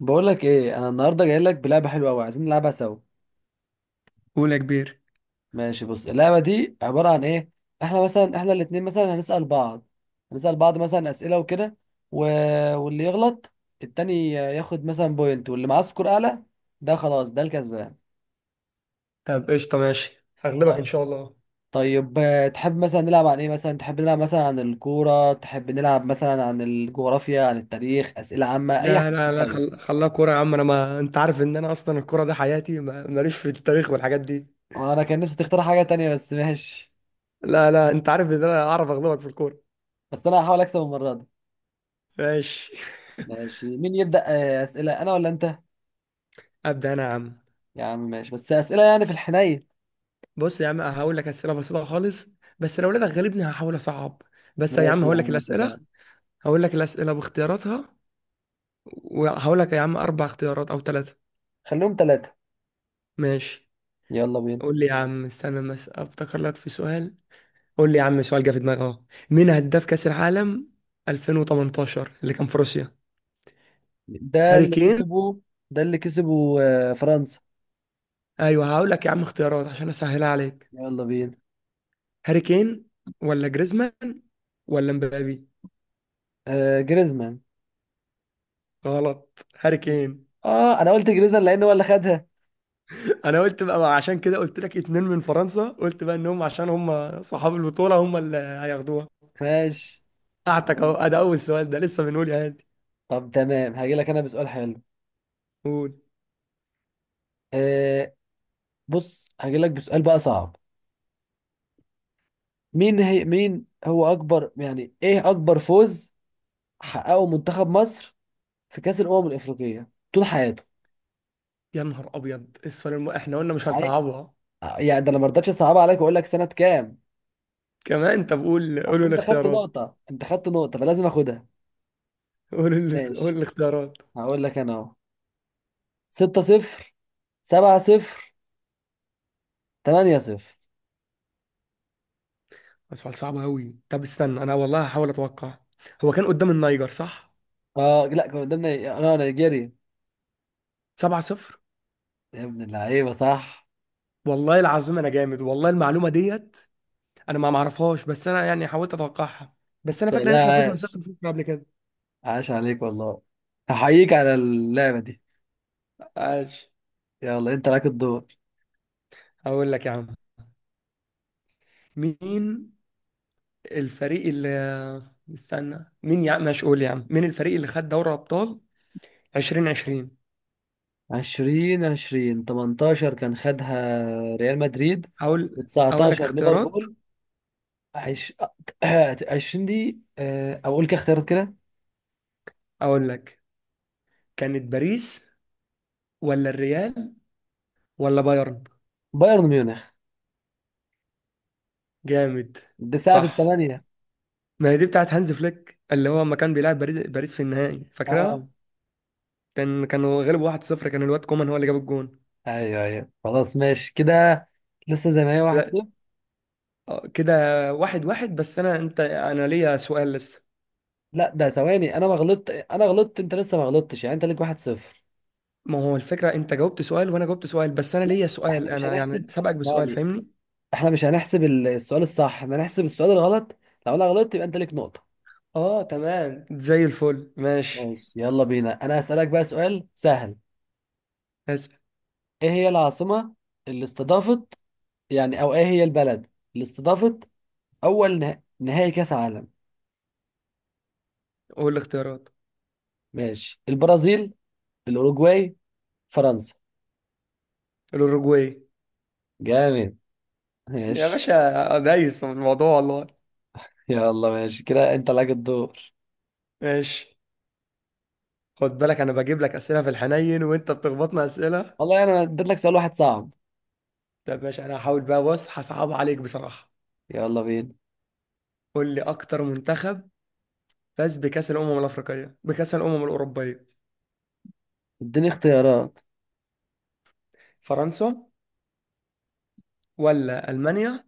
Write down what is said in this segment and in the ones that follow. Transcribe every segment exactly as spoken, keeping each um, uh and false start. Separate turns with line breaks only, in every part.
بقول لك ايه، انا النهارده جاي لك بلعبه حلوه قوي، عايزين نلعبها سوا.
قول يا كبير.
ماشي، بص، اللعبه دي عباره عن ايه؟ احنا مثلا احنا الاتنين مثلا هنسال بعض هنسال بعض مثلا اسئله وكده. و... واللي يغلط التاني ياخد مثلا بوينت، واللي معاه سكور اعلى، ده خلاص ده الكسبان.
طب قشطة، ماشي، هغلبك إن
طيب.
شاء الله.
طيب، آه، تحب مثلا نلعب عن ايه؟ مثلا تحب نلعب مثلا عن الكوره، تحب نلعب مثلا عن الجغرافيا، عن التاريخ، اسئله عامه، اي
لا
حاجه؟
لا لا،
طيب.
خل... خلاها كورة يا عم. انا، ما انت عارف ان انا اصلا الكورة ده حياتي. ما... ماليش في التاريخ والحاجات دي.
انا كان نفسي تختار حاجه تانية، بس ماشي.
لا لا، انت عارف ان انا اعرف اغلبك في الكورة.
بس انا هحاول اكسب المره دي.
ماشي.
ماشي، مين يبدأ؟ آه، أسئلة أنا ولا أنت؟
ابدا انا يا عم.
يا عم ماشي، بس أسئلة يعني في الحنين.
بص يا عم، هقول لك اسئله بسيطه خالص. بس لو لقيتك غالبني هحاول اصعب. بس يا عم
ماشي يا
هقول لك
عم، اتفقنا.
الاسئله. هقول لك الاسئله باختياراتها، وهقول لك يا عم اربع اختيارات او ثلاثه.
خليهم ثلاثة.
ماشي.
يلا بينا.
قول لي يا عم، استنى بس افتكر لك في سؤال. قول لي يا عم، سؤال جه في دماغي اهو. مين هداف كأس العالم ألفين وتمنتاشر اللي كان في روسيا؟
ده
هاري
اللي
كين.
كسبه ده اللي كسبه آه، فرنسا.
ايوه، هقول لك يا عم اختيارات عشان اسهلها عليك.
يلا بينا.
هاري كين، ولا جريزمان، ولا مبابي؟
آه جريزمان.
غلط، هاري كين.
اه، انا قلت جريزمان لان هو اللي خدها.
انا قلت بقى بقى عشان كده قلت لك اتنين من فرنسا، قلت بقى انهم عشان هم صحاب البطولة هم اللي هياخدوها.
ماشي يا
قعدتك
عم.
اهو. أه، ده اول سؤال ده لسه، بنقول يا هادي.
طب تمام، هاجي لك انا بسؤال حلو.
قول.
آه بص، هاجي لك بسؤال بقى صعب. مين هي مين هو اكبر، يعني ايه اكبر فوز حققه منتخب مصر في كأس الأمم الأفريقية طول حياته؟
يا نهار ابيض، السؤال الم... احنا قلنا مش هنصعبها.
يعني ده انا ما رضيتش اصعب عليك واقول لك سنه كام.
كمان طب قول،
اصل
قولوا
انت خدت
الاختيارات.
نقطه انت خدت نقطه فلازم اخدها.
قولوا ال- قولوا
ماشي،
الاختيارات.
هقول لك انا اهو، ستة صفر، سبعة صفر، ثمانية صفر.
سؤال صعب أوي، طب استنى أنا والله هحاول أتوقع. هو كان قدام النيجر، صح؟
اه، لا، كان قدامنا، انا نيجيريا.
سبعة صفر.
يا ابن اللعيبه صح.
والله العظيم أنا جامد، والله المعلومة ديت أنا ما معرفهاش، بس أنا يعني حاولت أتوقعها. بس أنا فاكر إن
والله
إحنا فزنا
عاش.
ستة صفر قبل كده.
عاش عليك والله. احييك على اللعبه دي.
ماشي.
يلا انت لك الدور.
هقول لك يا عم، مين الفريق اللي، استنى مين، يا عم ماشي، قول يا عم، مين الفريق اللي خد دوري أبطال ألفين وعشرين؟
عشرين عشرين تمنتاشر كان خدها ريال مدريد،
هقول أقول، أقول
و19
لك اختيارات.
ليفربول. عش... عشرين دي، آه، اقول كده اختيارات كده.
أقول لك، كانت باريس، ولا الريال، ولا بايرن؟
بايرن ميونخ.
جامد.
دي ساعة
صح.
الثمانية.
ما هي دي بتاعت هانز فليك اللي هو لما كان بيلعب باريس باريس في النهائي،
اه،
فاكرها. كان كانوا غلبوا واحد صفر، كان الواد كومان هو اللي جاب الجون.
ايوه، ايوه، خلاص ماشي كده. لسه زي ما هي.
كده.
واحد صفر.
آه، كده. واحد واحد، بس انا انت انا ليا سؤال لسه.
لا، ده ثواني، انا ما غلطت انا غلطت، انت لسه ما غلطتش، يعني انت ليك واحد صفر.
ما هو الفكرة انت جاوبت سؤال وانا جاوبت سؤال، بس انا
لا،
ليا
احنا
سؤال،
مش
انا يعني
هنحسب
سبقك بسؤال،
يعني
فاهمني.
احنا مش هنحسب ال- السؤال الصح، احنا هنحسب السؤال الغلط. لو انا غلطت يبقى انت ليك نقطة.
اه تمام زي الفل، ماشي.
ماشي يلا بينا، انا هسألك بقى سؤال سهل.
اسال.
ايه هي العاصمة اللي استضافت، يعني، او ايه هي البلد اللي استضافت اول نه... نهائي كأس عالم؟
قول الاختيارات.
ماشي، البرازيل، الاوروجواي، فرنسا.
الاوروجواي.
جامد.
يا
ماشي.
باشا دايس في الموضوع والله.
يلا ماشي كده، انت لك الدور.
ماشي، خد بالك انا بجيب لك اسئله في الحنين وانت بتخبطنا اسئله.
والله انا اديت لك سؤال واحد صعب.
طب ماشي انا هحاول بقى، بص هصعب عليك بصراحه.
يلا بينا.
قول لي، اكتر منتخب فاز بكاس الامم الافريقيه بكاس الامم الاوروبيه.
اديني اختيارات.
فرنسا، ولا المانيا،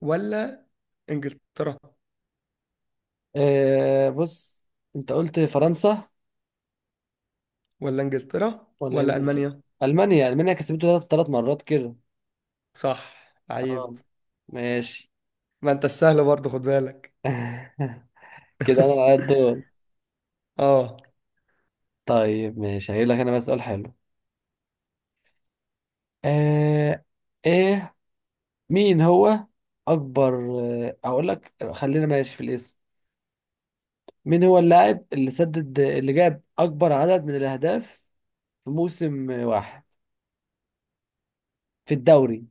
ولا انجلترا
اه، بص، انت قلت فرنسا،
ولا انجلترا
ولا
ولا
انجلترا.
المانيا.
المانيا، المانيا كسبته ثلاث مرات كده.
صح،
اه.
عيب.
ماشي.
ما انت السهل برضه خد بالك.
كده انا على الدور.
اه.
طيب ماشي، هجيب لك انا بقى سؤال حلو. آه ايه، مين هو اكبر آه، اقول لك خلينا ماشي في الاسم. مين هو اللاعب اللي سدد اللي جاب أكبر عدد من الأهداف في موسم واحد في الدوري؟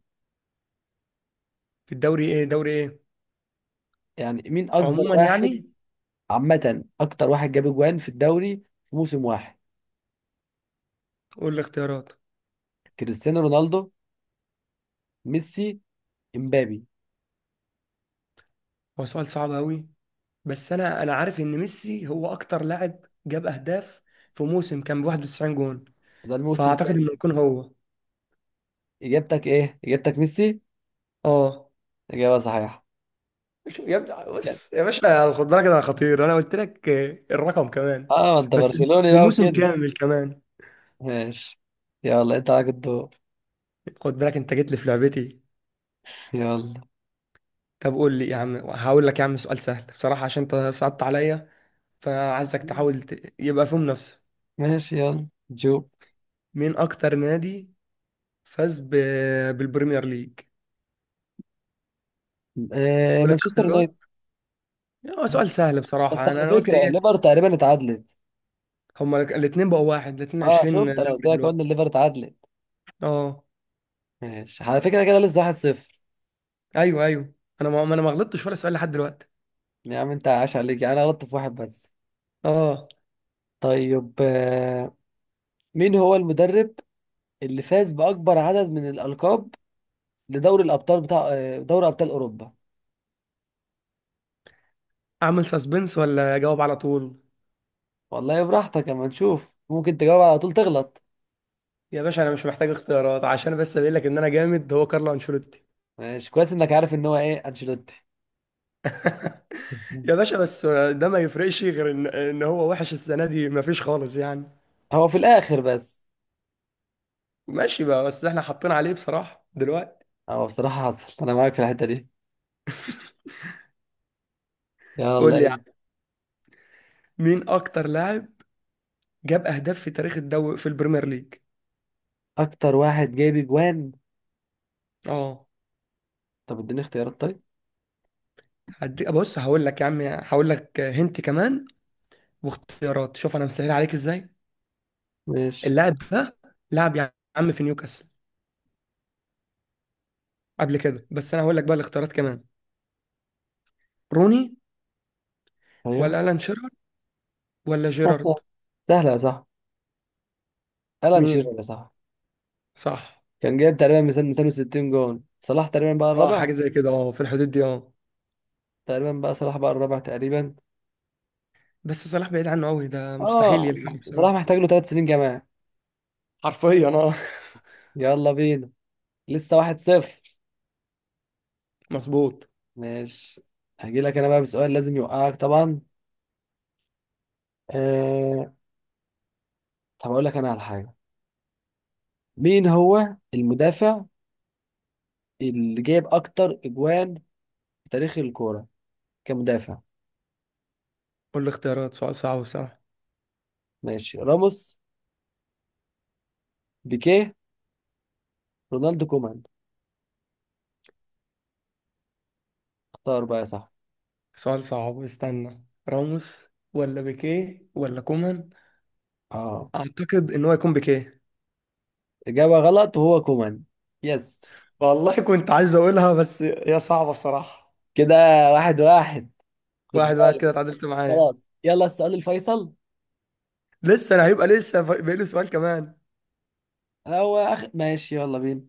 في الدوري؟ ايه دوري ايه؟
يعني مين أكبر
عموما
واحد؟
يعني.
عامة أكتر واحد جاب أجوان في الدوري في موسم واحد.
قول لي اختيارات.
كريستيانو رونالدو، ميسي، إمبابي.
هو سؤال صعب قوي، بس انا انا عارف ان ميسي هو اكتر لاعب جاب اهداف في موسم، كان ب واحد وتسعين جون،
ده الموسم
فاعتقد
كام؟
انه يكون هو.
إجابتك إيه إجابتك ميسي؟
اه.
إجابة صحيحة.
مش يا ابني،
كده.
بص يا باشا خد بالك، انا خطير انا قلت لك. الرقم كمان.
آه، ما أنت
بس،
برشلوني بقى
بموسم
وكده.
كامل كمان.
ماشي. يلا أنت عليك الدور.
خد بالك انت جيت لي في لعبتي.
يلا.
طب قول لي يا عم، هقول لك يا عم سؤال سهل بصراحة عشان انت صعبت عليا، فعايزك تحاول ت- يبقى في منافسة.
ماشي يلا جو.
مين اكتر نادي فاز ب... بالبريمير ليج؟
آه،
اقول لك
مانشستر يونايتد.
اختيارات. هو سؤال سهل
بس
بصراحة، انا
على
انا قلت
فكره،
ايه.
الليفر تقريبا اتعادلت.
هما الاثنين بقوا واحد، الاثنين
اه
عشرين
شفت، انا قلت
دوري
لك، قلنا
دلوقتي.
الليفر اتعادلت.
اه.
ماشي على فكره كده، لسه واحد صفر.
ايوه ايوه، انا ما ما- انا ما غلطتش ولا سؤال لحد دلوقتي.
يا عم انت عاش عليك، يعني انا غلطت في واحد بس.
اه.
طيب، آه، مين هو المدرب اللي فاز باكبر عدد من الالقاب لدوري الابطال بتاع، آه، دوري ابطال اوروبا؟
اعمل سسبنس ولا اجاوب على طول؟
والله براحتك، اما نشوف ممكن تجاوب على طول تغلط.
يا باشا انا مش محتاج اختيارات، عشان بس اقول لك ان انا جامد، هو كارلو انشيلوتي.
ماشي، كويس انك عارف ان هو ايه، انشيلوتي.
يا باشا بس، ده ما يفرقش غير ان ان هو وحش السنه دي، ما فيش خالص يعني.
هو في الاخر بس.
ماشي بقى، بس احنا حاطين عليه بصراحه دلوقتي.
هو بصراحه حصل، انا معاك في الحته دي. يلا
قول لي
انت.
يعني، مين اكتر لاعب جاب اهداف في تاريخ الدوري في البريمير ليج؟
اكتر واحد جايب اجوان؟
اه.
طب اديني اختيارات طيب.
هدي بص، هقول لك يا عم، هقول لك هنت كمان واختيارات. شوف انا مسهل عليك ازاي.
ماشي.
اللاعب ده لعب يا عم في نيوكاسل قبل كده، بس انا هقول لك بقى الاختيارات كمان. روني،
ايوه.
ولا الان شيرر، ولا جيرارد.
سهلة يا صاحبي. ألان
مين؟
شيرر يا صاحبي.
صح.
كان جايب تقريبا مثلا مئتين وستين جون. صلاح تقريبا بقى
اه،
الرابع.
حاجه زي كده، اه، في الحدود دي، اه.
تقريبا بقى صلاح بقى الرابع تقريبا.
بس صلاح بعيد عنه قوي، ده مستحيل
اه،
يلحقه
صلاح
بصراحه.
محتاج له ثلاث سنين كمان.
حرفيا اه.
يلا بينا. لسه واحد صفر.
مظبوط.
ماشي، هجي لك انا بقى بسؤال لازم يوقعك طبعا. آه... طب اقول لك انا على حاجة. مين هو المدافع اللي جايب اكتر اجوان في تاريخ الكورة كمدافع؟
قول لي اختيارات، سؤال صعب بصراحه.
ماشي، راموس، بيكيه، رونالدو كومان. اختار بقى يا صاحبي.
سؤال صعب، استنى. راموس، ولا بيكيه، ولا كومان؟
اه.
اعتقد ان هو يكون بيكيه.
إجابة غلط، وهو كومان. يس.
والله كنت عايز اقولها بس هي صعبه بصراحه.
كده، واحد واحد، خد
واحد واحد
بالك.
كده، اتعادلت معايا.
خلاص، يلا السؤال الفيصل.
لسه انا هيبقى لسه ف- باقي له سؤال كمان.
هو أخ... ماشي يلا بينا.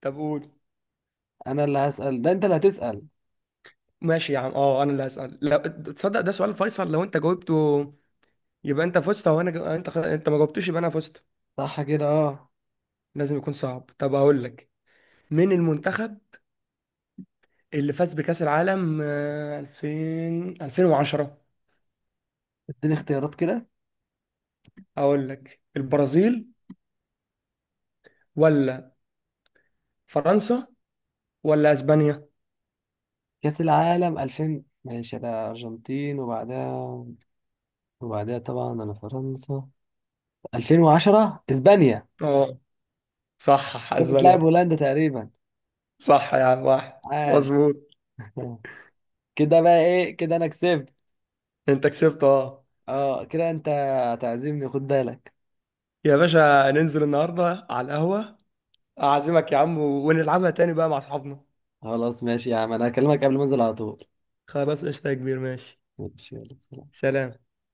طب قول.
أنا اللي هسأل، ده أنت اللي هتسأل.
ماشي يا عم، اه انا اللي هسأل. لا تصدق، ده سؤال فيصل، لو انت جاوبته يبقى انت فزت، او انا ج... انت خ... انت ما جاوبتوش يبقى انا فزت.
صح كده، أه.
لازم يكون صعب. طب اقول لك، مين المنتخب اللي فاز بكأس العالم آه، ألفين ألفين وعشرة؟
اديني اختيارات كده.
اقول لك البرازيل، ولا فرنسا، ولا اسبانيا.
كأس العالم ألفين، ماشي أنا أرجنتين، وبعدها وبعدها طبعا أنا فرنسا. الفين وعشرة إسبانيا.
اه، صح،
كانت بتلعب
اسبانيا.
هولندا تقريبا.
صح يا عم، واحد
عاش.
مظبوط.
كده بقى إيه، كده أنا كسبت.
انت كسبت، اه.
أه، كده أنت هتعزمني، خد بالك.
يا باشا، ننزل النهارده على القهوة، اعزمك يا عم ونلعبها تاني بقى مع اصحابنا.
خلاص ماشي يا عم، أنا هكلمك قبل ما أنزل على طول.
خلاص قشطة يا كبير، ماشي.
ماشي، يلا.
سلام.